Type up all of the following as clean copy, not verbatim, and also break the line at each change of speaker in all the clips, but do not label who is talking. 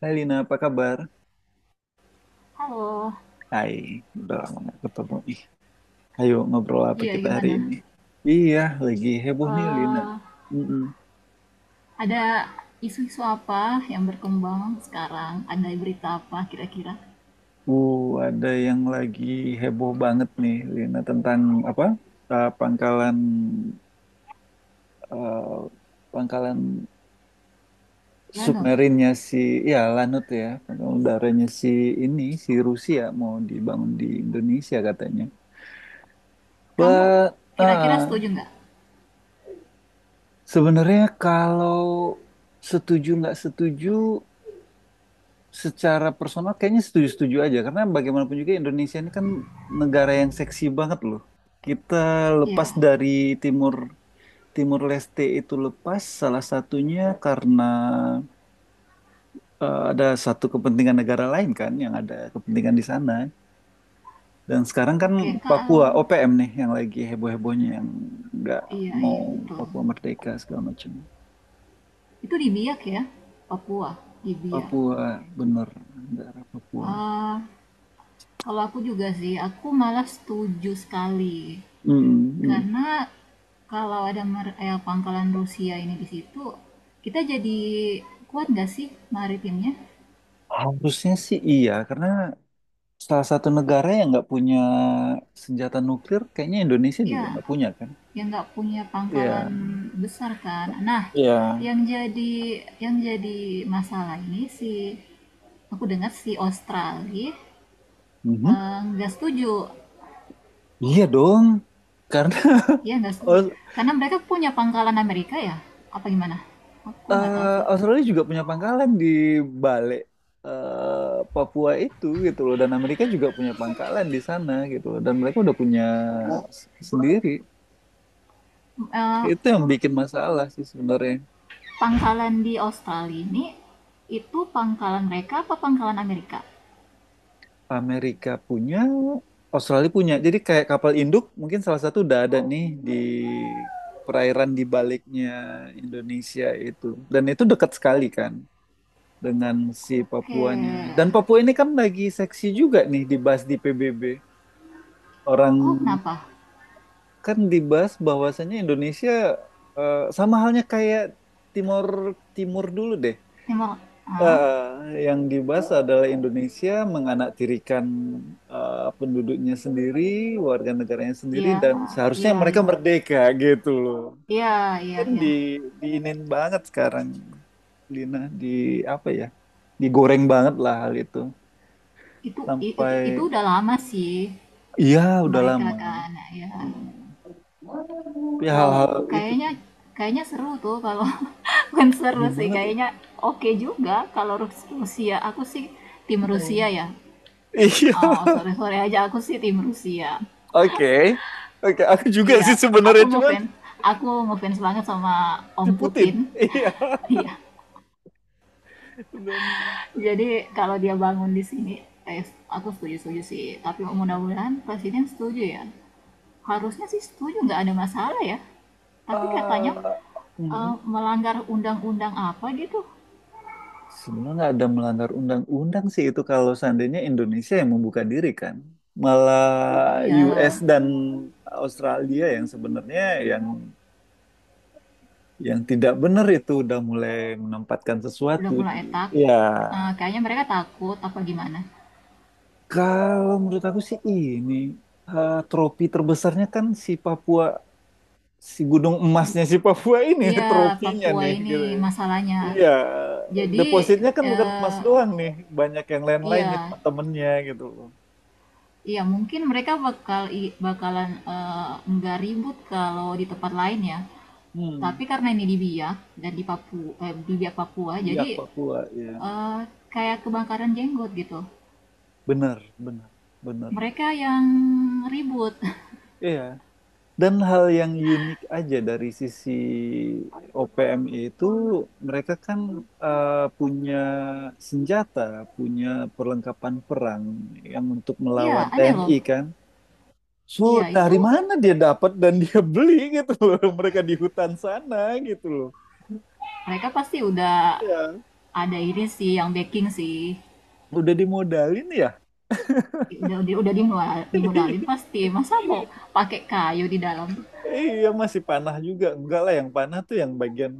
Hai Lina, apa kabar?
Halo,
Hai, udah lama nggak ketemu. Ih, ayo ngobrol apa
iya
kita hari ini?
gimana?
Iya, lagi heboh nih Lina.
Eh,
Mm-mm.
ada isu-isu apa yang berkembang sekarang? Ada berita apa kira-kira?
Uh, ada yang lagi heboh banget nih Lina tentang apa? Eh, pangkalan eh, pangkalan
Lano,
submarinnya si, ya Lanut ya, pangkalan udaranya si ini, si Rusia mau dibangun di Indonesia katanya.
kamu
Wah,
kira-kira
ah,
setuju nggak?
sebenarnya kalau setuju nggak setuju secara personal kayaknya setuju-setuju aja karena bagaimanapun juga Indonesia ini kan negara yang seksi banget loh. Kita lepas
Iya,
dari Timur Timur Leste, itu lepas salah satunya karena ada satu kepentingan negara lain kan yang ada kepentingan di sana. Dan sekarang kan
oke kalau
Papua OPM nih yang lagi heboh-hebohnya yang nggak
iya
mau
iya betul.
Papua merdeka segala macam.
Itu di Biak ya, Papua di Biak.
Papua, bener, negara Papua.
Eh, Kalau aku juga sih, aku malah setuju sekali
Mm, mm.
karena kalau ada pangkalan Rusia ini di situ, kita jadi kuat nggak sih maritimnya?
Harusnya sih iya karena salah satu negara yang nggak punya senjata nuklir, kayaknya Indonesia
Ya,
juga nggak punya kan?
yang nggak punya
Iya,
pangkalan besar kan. Nah,
iya,
yang jadi masalah ini si aku dengar si Australia
mhm.
nggak setuju,
Iya dong, karena
ya nggak setuju.
Aus-
Karena mereka punya pangkalan Amerika ya, apa gimana? Aku nggak tahu
eh,
sih.
Australia juga punya pangkalan di balik Papua itu gitu loh, dan Amerika juga punya pangkalan di sana gitu loh, dan mereka udah punya sendiri.
Eh,
Itu yang bikin masalah sih sebenarnya.
Pangkalan di Australia ini itu pangkalan mereka apa pangkalan Amerika?
Amerika punya, Australia punya. Jadi kayak kapal induk mungkin salah satu udah ada nih di perairan di baliknya Indonesia itu. Dan itu dekat sekali kan dengan si Papuanya. Dan
Oke,
Papua ini kan lagi seksi juga nih dibahas di PBB. Orang
oh kenapa?
kan dibahas bahwasannya Indonesia, sama halnya kayak Timur Timur dulu deh.
Timor, ah,
Yang dibahas adalah Indonesia menganaktirikan penduduknya sendiri, warga negaranya sendiri,
ya,
dan seharusnya
ya,
mereka
ya,
merdeka gitu loh.
ya, ya,
Kan
ya.
diinin banget sekarang, Lina, di apa ya? Digoreng banget lah hal itu.
Itu itu
Sampai.
udah lama sih
Iya, udah
mereka
lama.
kan ya.
Hmm. Tapi
Wow,
hal-hal itu
kayaknya
tuh
kayaknya seru tuh kalau bukan seru
seru
sih
banget.
kayaknya oke juga kalau Rusia. Aku sih tim
Hmm.
Rusia ya.
Iya,
Oh, sore-sore aja aku sih tim Rusia.
oke. Oke, aku juga
Iya,
sih
aku
sebenarnya cuman
ngefans. Aku ngefans banget sama
si
Om Putin.
Putin. Iya.
Iya.
Dan
Jadi kalau dia bangun di sini, eh, aku setuju-setuju sih. Tapi mudah-mudahan presiden setuju ya. Harusnya sih setuju, nggak ada masalah ya. Tapi katanya
Eh, hmm,
melanggar undang-undang apa gitu.
sebenarnya nggak ada melanggar undang-undang sih itu kalau seandainya Indonesia yang membuka diri kan. Malah
Iya,
US dan Australia yang sebenarnya, yang yang tidak benar itu udah mulai menempatkan sesuatu
udah
di.
mulai tak.
Ya,
Kayaknya mereka takut apa gimana.
kalau menurut aku sih ini tropi terbesarnya kan si Papua, si gunung emasnya si Papua ini,
Iya,
trofinya
Papua
nih
ini
gitu ya.
masalahnya.
Iya,
Jadi
depositnya kan bukan emas
eh,
doang nih, banyak yang lain-lain nih
iya,
teman-temannya gitu loh.
iya mungkin mereka bakal bakalan nggak ribut kalau di tempat lain ya.
Hmm,
Tapi karena ini di Biak dan di Papua, eh, di Biak Papua, jadi
Biak Papua, ya.
eh, kayak kebakaran jenggot gitu.
Bener, bener, bener.
Mereka yang ribut.
Iya. Dan hal yang unik aja dari sisi OPM itu mereka kan punya senjata, punya perlengkapan perang yang untuk melawan
Iya, aneh loh.
TNI kan. So,
Iya, itu
dari mana dia dapat dan dia beli gitu loh. Mereka di hutan sana gitu loh.
mereka pasti udah
Iya.
ada ini sih yang backing sih.
Udah dimodalin ya.
Udah, dimodalin pasti. Masa mau pakai kayu di dalam?
Iya, masih panah juga enggak lah yang panah tuh, yang bagian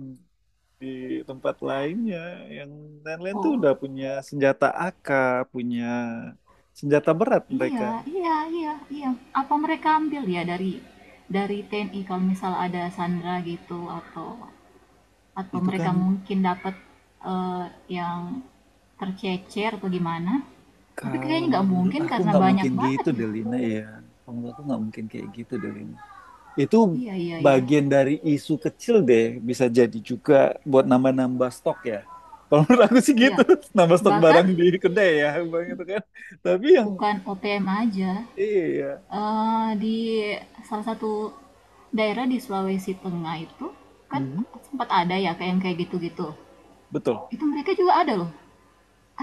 di tempat lainnya, yang lain-lain tuh
Oh,
udah punya senjata AK, punya senjata berat mereka
iya, iya, iya, iya. Apa mereka ambil ya dari TNI kalau misal ada Sandra gitu atau
itu kan.
mereka mungkin dapat eh, yang tercecer atau gimana? Tapi
Kalau
kayaknya nggak
menurut
mungkin
aku
karena
nggak
banyak
mungkin
banget
gitu
ya.
Delina ya, kalau menurut aku nggak mungkin kayak gitu Delina, itu
Iya, iya, iya.
bagian dari isu kecil deh, bisa jadi juga buat nambah-nambah stok ya, kalau menurut aku sih gitu.
Iya,
Nambah stok
bahkan
barang di kedai ya. Bang, itu kan tapi yang,
bukan OPM aja.
iya.
Di salah satu daerah di Sulawesi Tengah itu kan
Mhm,
sempat ada ya kayak yang kayak gitu-gitu.
betul.
Itu mereka juga ada loh.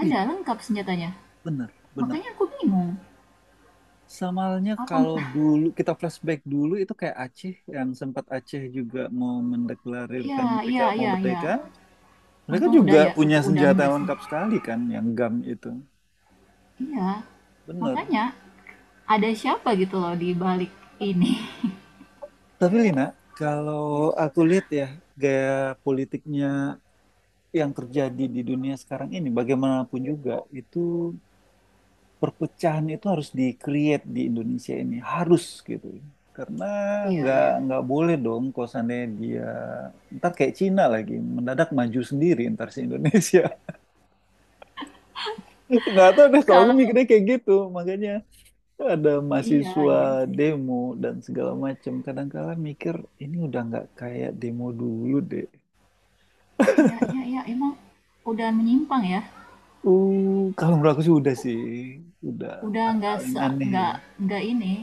Iya,
lengkap senjatanya.
benar, benar.
Makanya aku bingung.
Samalnya
Apa
kalau dulu kita flashback dulu itu kayak Aceh yang sempat Aceh juga mau
Iya,
mendeklarasikan mereka
iya,
mau
iya, iya.
merdeka, mereka
Untung udah
juga
ya,
punya
udah
senjata
enggak
yang
sih.
lengkap sekali kan yang GAM itu.
Iya.
Bener.
Makanya ada siapa gitu loh di balik ini.
Tapi Lina, kalau aku lihat ya, gaya politiknya yang terjadi di dunia sekarang ini, bagaimanapun juga itu, perpecahan itu harus di-create di Indonesia ini, harus gitu. Karena
Iya,
nggak
iya.
nggak boleh dong kalau seandainya dia ntar kayak Cina lagi mendadak maju sendiri ntar si Indonesia. Nggak tahu deh kalau aku
Kalau
mikirnya kayak gitu. Makanya ada
iya,
mahasiswa
iya sih.
demo dan segala macam. Kadang-kadang mikir ini udah nggak kayak demo dulu deh.
Iya, iya, iya, emang udah menyimpang ya.
Kalau menurut aku sih, udah
Udah
hal-hal
nggak
yang aneh, ya.
nggak nggak ini,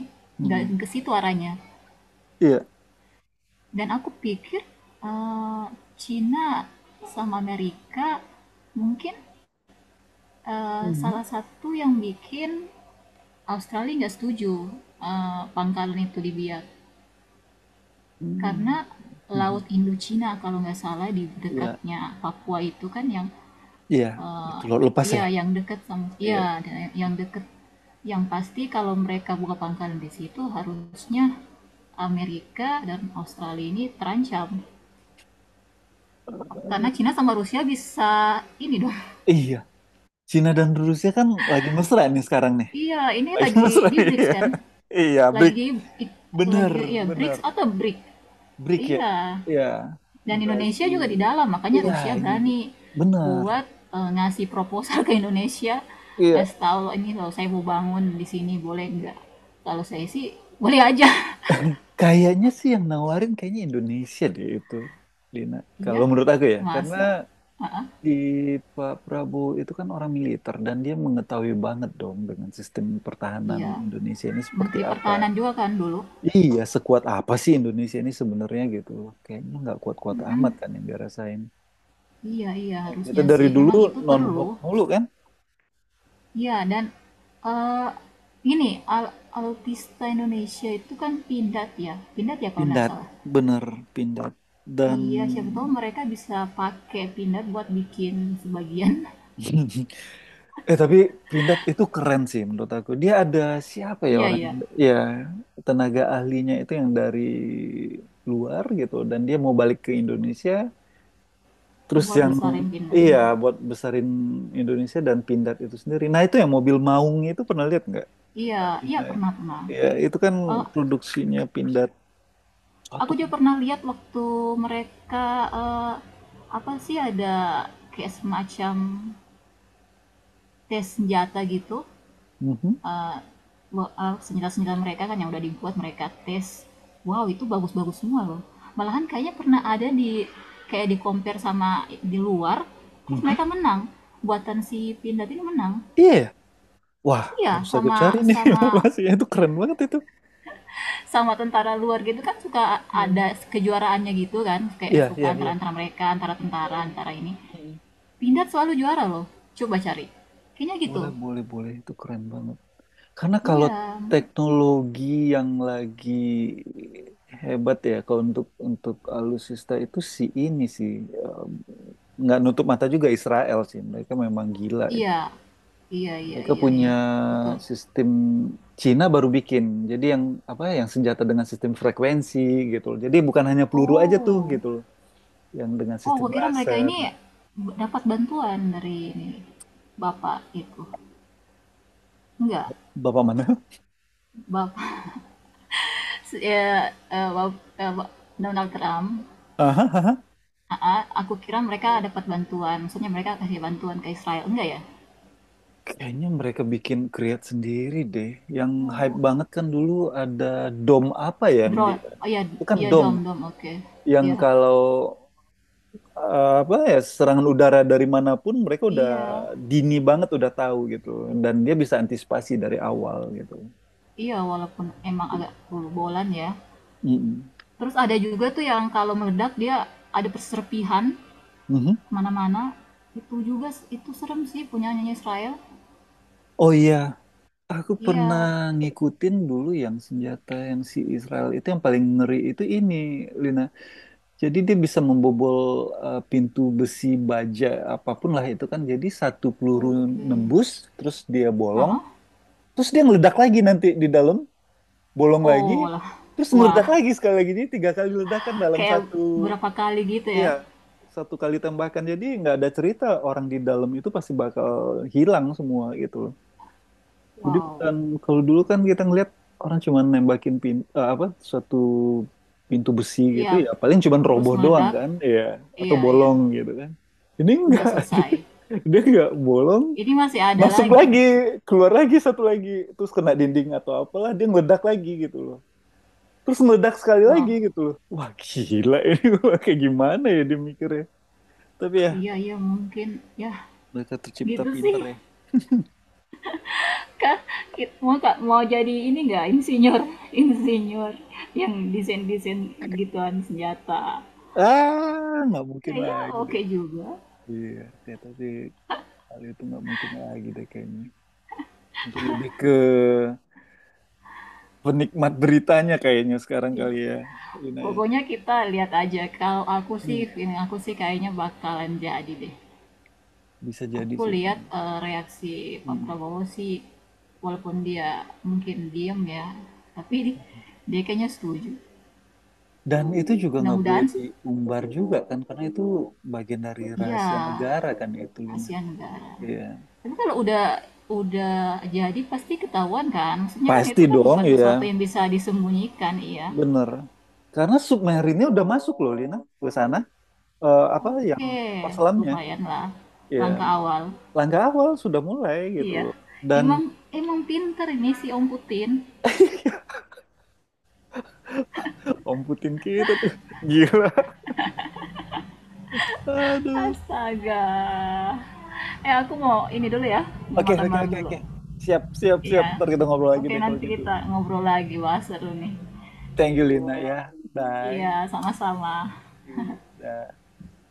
nggak
Hmm.
ke situ arahnya.
Iya.
Dan aku pikir eh, Cina sama Amerika mungkin
Mhm.
salah satu yang bikin Australia nggak setuju pangkalan itu dibiak karena
Hmm. Mhm.
Laut Indochina kalau nggak salah di
Iya,
dekatnya Papua itu kan yang
iya,
eh,
itu lepas ya.
iya yang dekat sama iya
Iya.
yang dekat yang pasti kalau mereka buka pangkalan di situ harusnya Amerika dan Australia ini terancam karena
Eh,
Cina sama Rusia bisa ini dong
Iya, Cina dan Rusia kan lagi mesra nih sekarang nih.
iya ini
Lagi
lagi
mesra,
di BRICS
iya.
kan
Iya, BRIC.
lagi lagi
Bener,
ya
bener.
BRICS atau BRIC
BRIC ya.
iya.
Iya,
Dan Indonesia
Brazil.
juga di dalam, makanya
Iya,
Rusia
ini
berani
bener.
buat ngasih proposal ke Indonesia,
Iya,
ngasih tahu "Loh, ini kalau saya mau bangun di sini boleh nggak? Kalau saya sih boleh aja.
kayaknya sih yang nawarin kayaknya Indonesia deh itu, Lina.
Iya,
Kalau menurut aku ya, karena
masa? Ah, ah,
di Pak Prabowo itu kan orang militer dan dia mengetahui banget dong dengan sistem pertahanan
iya.
Indonesia ini seperti
Menteri
apa.
Pertahanan juga kan dulu.
Iya, sekuat apa sih Indonesia ini sebenarnya gitu loh. Kayaknya nggak kuat-kuat amat
Mm-mm.
kan yang dirasain.
Iya iya
Ya, kita
harusnya
dari
sih,
dulu
memang itu perlu.
non-blok mulu kan.
Iya dan eh ini al- autista Indonesia itu kan pindat ya kalau nggak
Pindad,
salah.
bener, Pindad. Dan
Iya, siapa tahu mereka bisa pakai peanut buat bikin sebagian.
Tapi Pindad itu keren sih menurut aku. Dia ada siapa ya
Iya,
orang
iya.
ya tenaga ahlinya itu yang dari luar gitu dan dia mau balik ke Indonesia terus
Buat
yang,
besarin
iya,
peanutnya.
buat besarin Indonesia dan Pindad itu sendiri. Nah itu yang mobil Maung itu pernah lihat nggak?
Iya, iya
Arina.
pernah pernah.
Iya itu kan
Eh,
produksinya Pindad
aku
satu.
juga pernah lihat waktu mereka eh, apa sih ada kayak semacam tes senjata gitu.
Mhm,
eh, senjata-senjata mereka kan yang udah dibuat mereka tes wow itu bagus-bagus semua loh malahan kayaknya pernah ada di kayak di compare sama di luar terus mereka
mhm.
menang buatan si Pindad ini menang
Iya, ya? Wah,
iya
harus aku
sama
cari nih
sama
informasinya, itu keren banget itu.
sama tentara luar gitu kan suka ada
Hmm.
kejuaraannya gitu kan kayak
Iya,
suka
iya,
antara
iya.
antara mereka antara tentara
Hmm,
antara ini
hmm.
Pindad selalu juara loh coba cari kayaknya gitu
Boleh, boleh, boleh. Itu keren banget. Karena kalau
iya
teknologi yang lagi hebat ya, kalau untuk alutsista itu si ini sih eh, nggak nutup mata juga Israel sih. Mereka memang gila itu.
iya iya iya
Mereka
iya
punya
iya betul.
sistem Cina baru bikin. Jadi yang apa? Ya, yang senjata dengan sistem frekuensi gitu loh. Jadi bukan hanya peluru aja tuh
Oh.
gitu loh. Yang dengan
Oh,
sistem
gua kira mereka
laser
ini
gitu.
dapat bantuan dari ini Bapak itu. Enggak.
Bapak mana?
Bapak ya, eh, Bap- eh, Ba- Donald Trump. Aa, aku kira mereka dapat bantuan. Maksudnya mereka kasih bantuan ke Israel. Enggak ya?
Kayaknya mereka bikin create sendiri deh. Yang hype
Oh,
banget kan dulu ada dom apa ya yang dia,
drone. Oh ya,
bukan
iya
dom,
dom dom. Oke.
yang
Ya
kalau apa ya, serangan udara dari manapun mereka udah
iya.
dini banget udah tahu gitu dan dia bisa antisipasi dari awal gitu.
Iya, walaupun emang agak bolu-bolan ya.
Mm-mm.
Terus ada juga tuh yang kalau meledak dia ada perserpihan
Mhm.
kemana-mana itu juga itu serem sih punya nyanyi Israel
Oh iya, aku pernah
iya
ngikutin dulu yang senjata yang si Israel itu yang paling ngeri itu ini Lina. Jadi dia bisa membobol pintu besi baja apapun lah itu kan. Jadi satu peluru
oke.
nembus, terus dia
Ah,
bolong,
ah.
terus dia meledak lagi nanti di dalam, bolong lagi,
Oh lah.
terus meledak
Wah,
lagi sekali lagi. Jadi tiga kali ledakan dalam
kayak
satu,
berapa kali gitu
iya,
ya.
satu kali tembakan. Jadi nggak ada cerita orang di dalam itu pasti bakal hilang semua gitu. Jadi
Wow.
bukan, kalau dulu kan kita ngelihat orang cuma nembakin apa, suatu pintu besi gitu
Iya
ya paling cuma
terus
roboh doang
meledak
kan ya, atau
iya iya
bolong gitu kan. Ini
udah
enggak, dia,
selesai
dia enggak bolong,
ini masih ada
masuk lagi
lagi
keluar lagi satu lagi terus kena dinding atau apalah dia meledak lagi gitu loh. Terus meledak sekali
wah
lagi gitu loh. Wah gila, ini gua kayak gimana ya dia mikirnya. Tapi ya
iya iya mungkin ya
mereka tercipta
gitu sih
pinter ya.
kak mau Kak, mau jadi ini nggak insinyur insinyur yang desain desain gituan senjata
Ah, nggak mungkin
kayaknya
lagi
oke
deh.
okay juga.
Iya, kayak tapi kali itu nggak mungkin lagi deh kayaknya. Mungkin lebih ke penikmat beritanya kayaknya sekarang kali ya, Lina ya.
Pokoknya kita lihat aja. Kalau aku sih,
Hmm.
ini aku sih kayaknya bakalan jadi deh.
Bisa jadi
Aku
sih.
lihat reaksi Pak
Hmm.
Prabowo sih, walaupun dia mungkin diem ya, tapi dia kayaknya setuju.
Dan itu juga nggak boleh
Mudah-mudahan sih.
diumbar juga kan, karena itu bagian dari
Iya,
rahasia negara kan itu, Lina.
kasihan negara.
Iya.
Tapi kalau udah jadi pasti ketahuan kan? Maksudnya kan
Pasti
itu kan
dong
bukan sesuatu
ya,
yang bisa disembunyikan, iya.
bener. Karena submarinnya udah masuk loh, Lina, ke sana. Apa yang
Oke,
perselamnya.
lumayan lah
Ya,
langkah awal.
langkah awal sudah mulai gitu
Iya.
loh. Dan
Emang emang pinter ini si Om Putin.
Om Putin kita tuh gila. Aduh.
Astaga. Eh, aku mau ini dulu ya. Mau
Oke,
makan
oke,
malam
oke,
dulu.
oke. Siap, siap, siap.
Iya.
Ntar kita ngobrol lagi
Oke,
deh kalau
nanti
gitu.
kita ngobrol lagi. Wah, seru nih.
Thank you, Lina ya.
Iya,
Bye.
sama-sama.
You. Dah.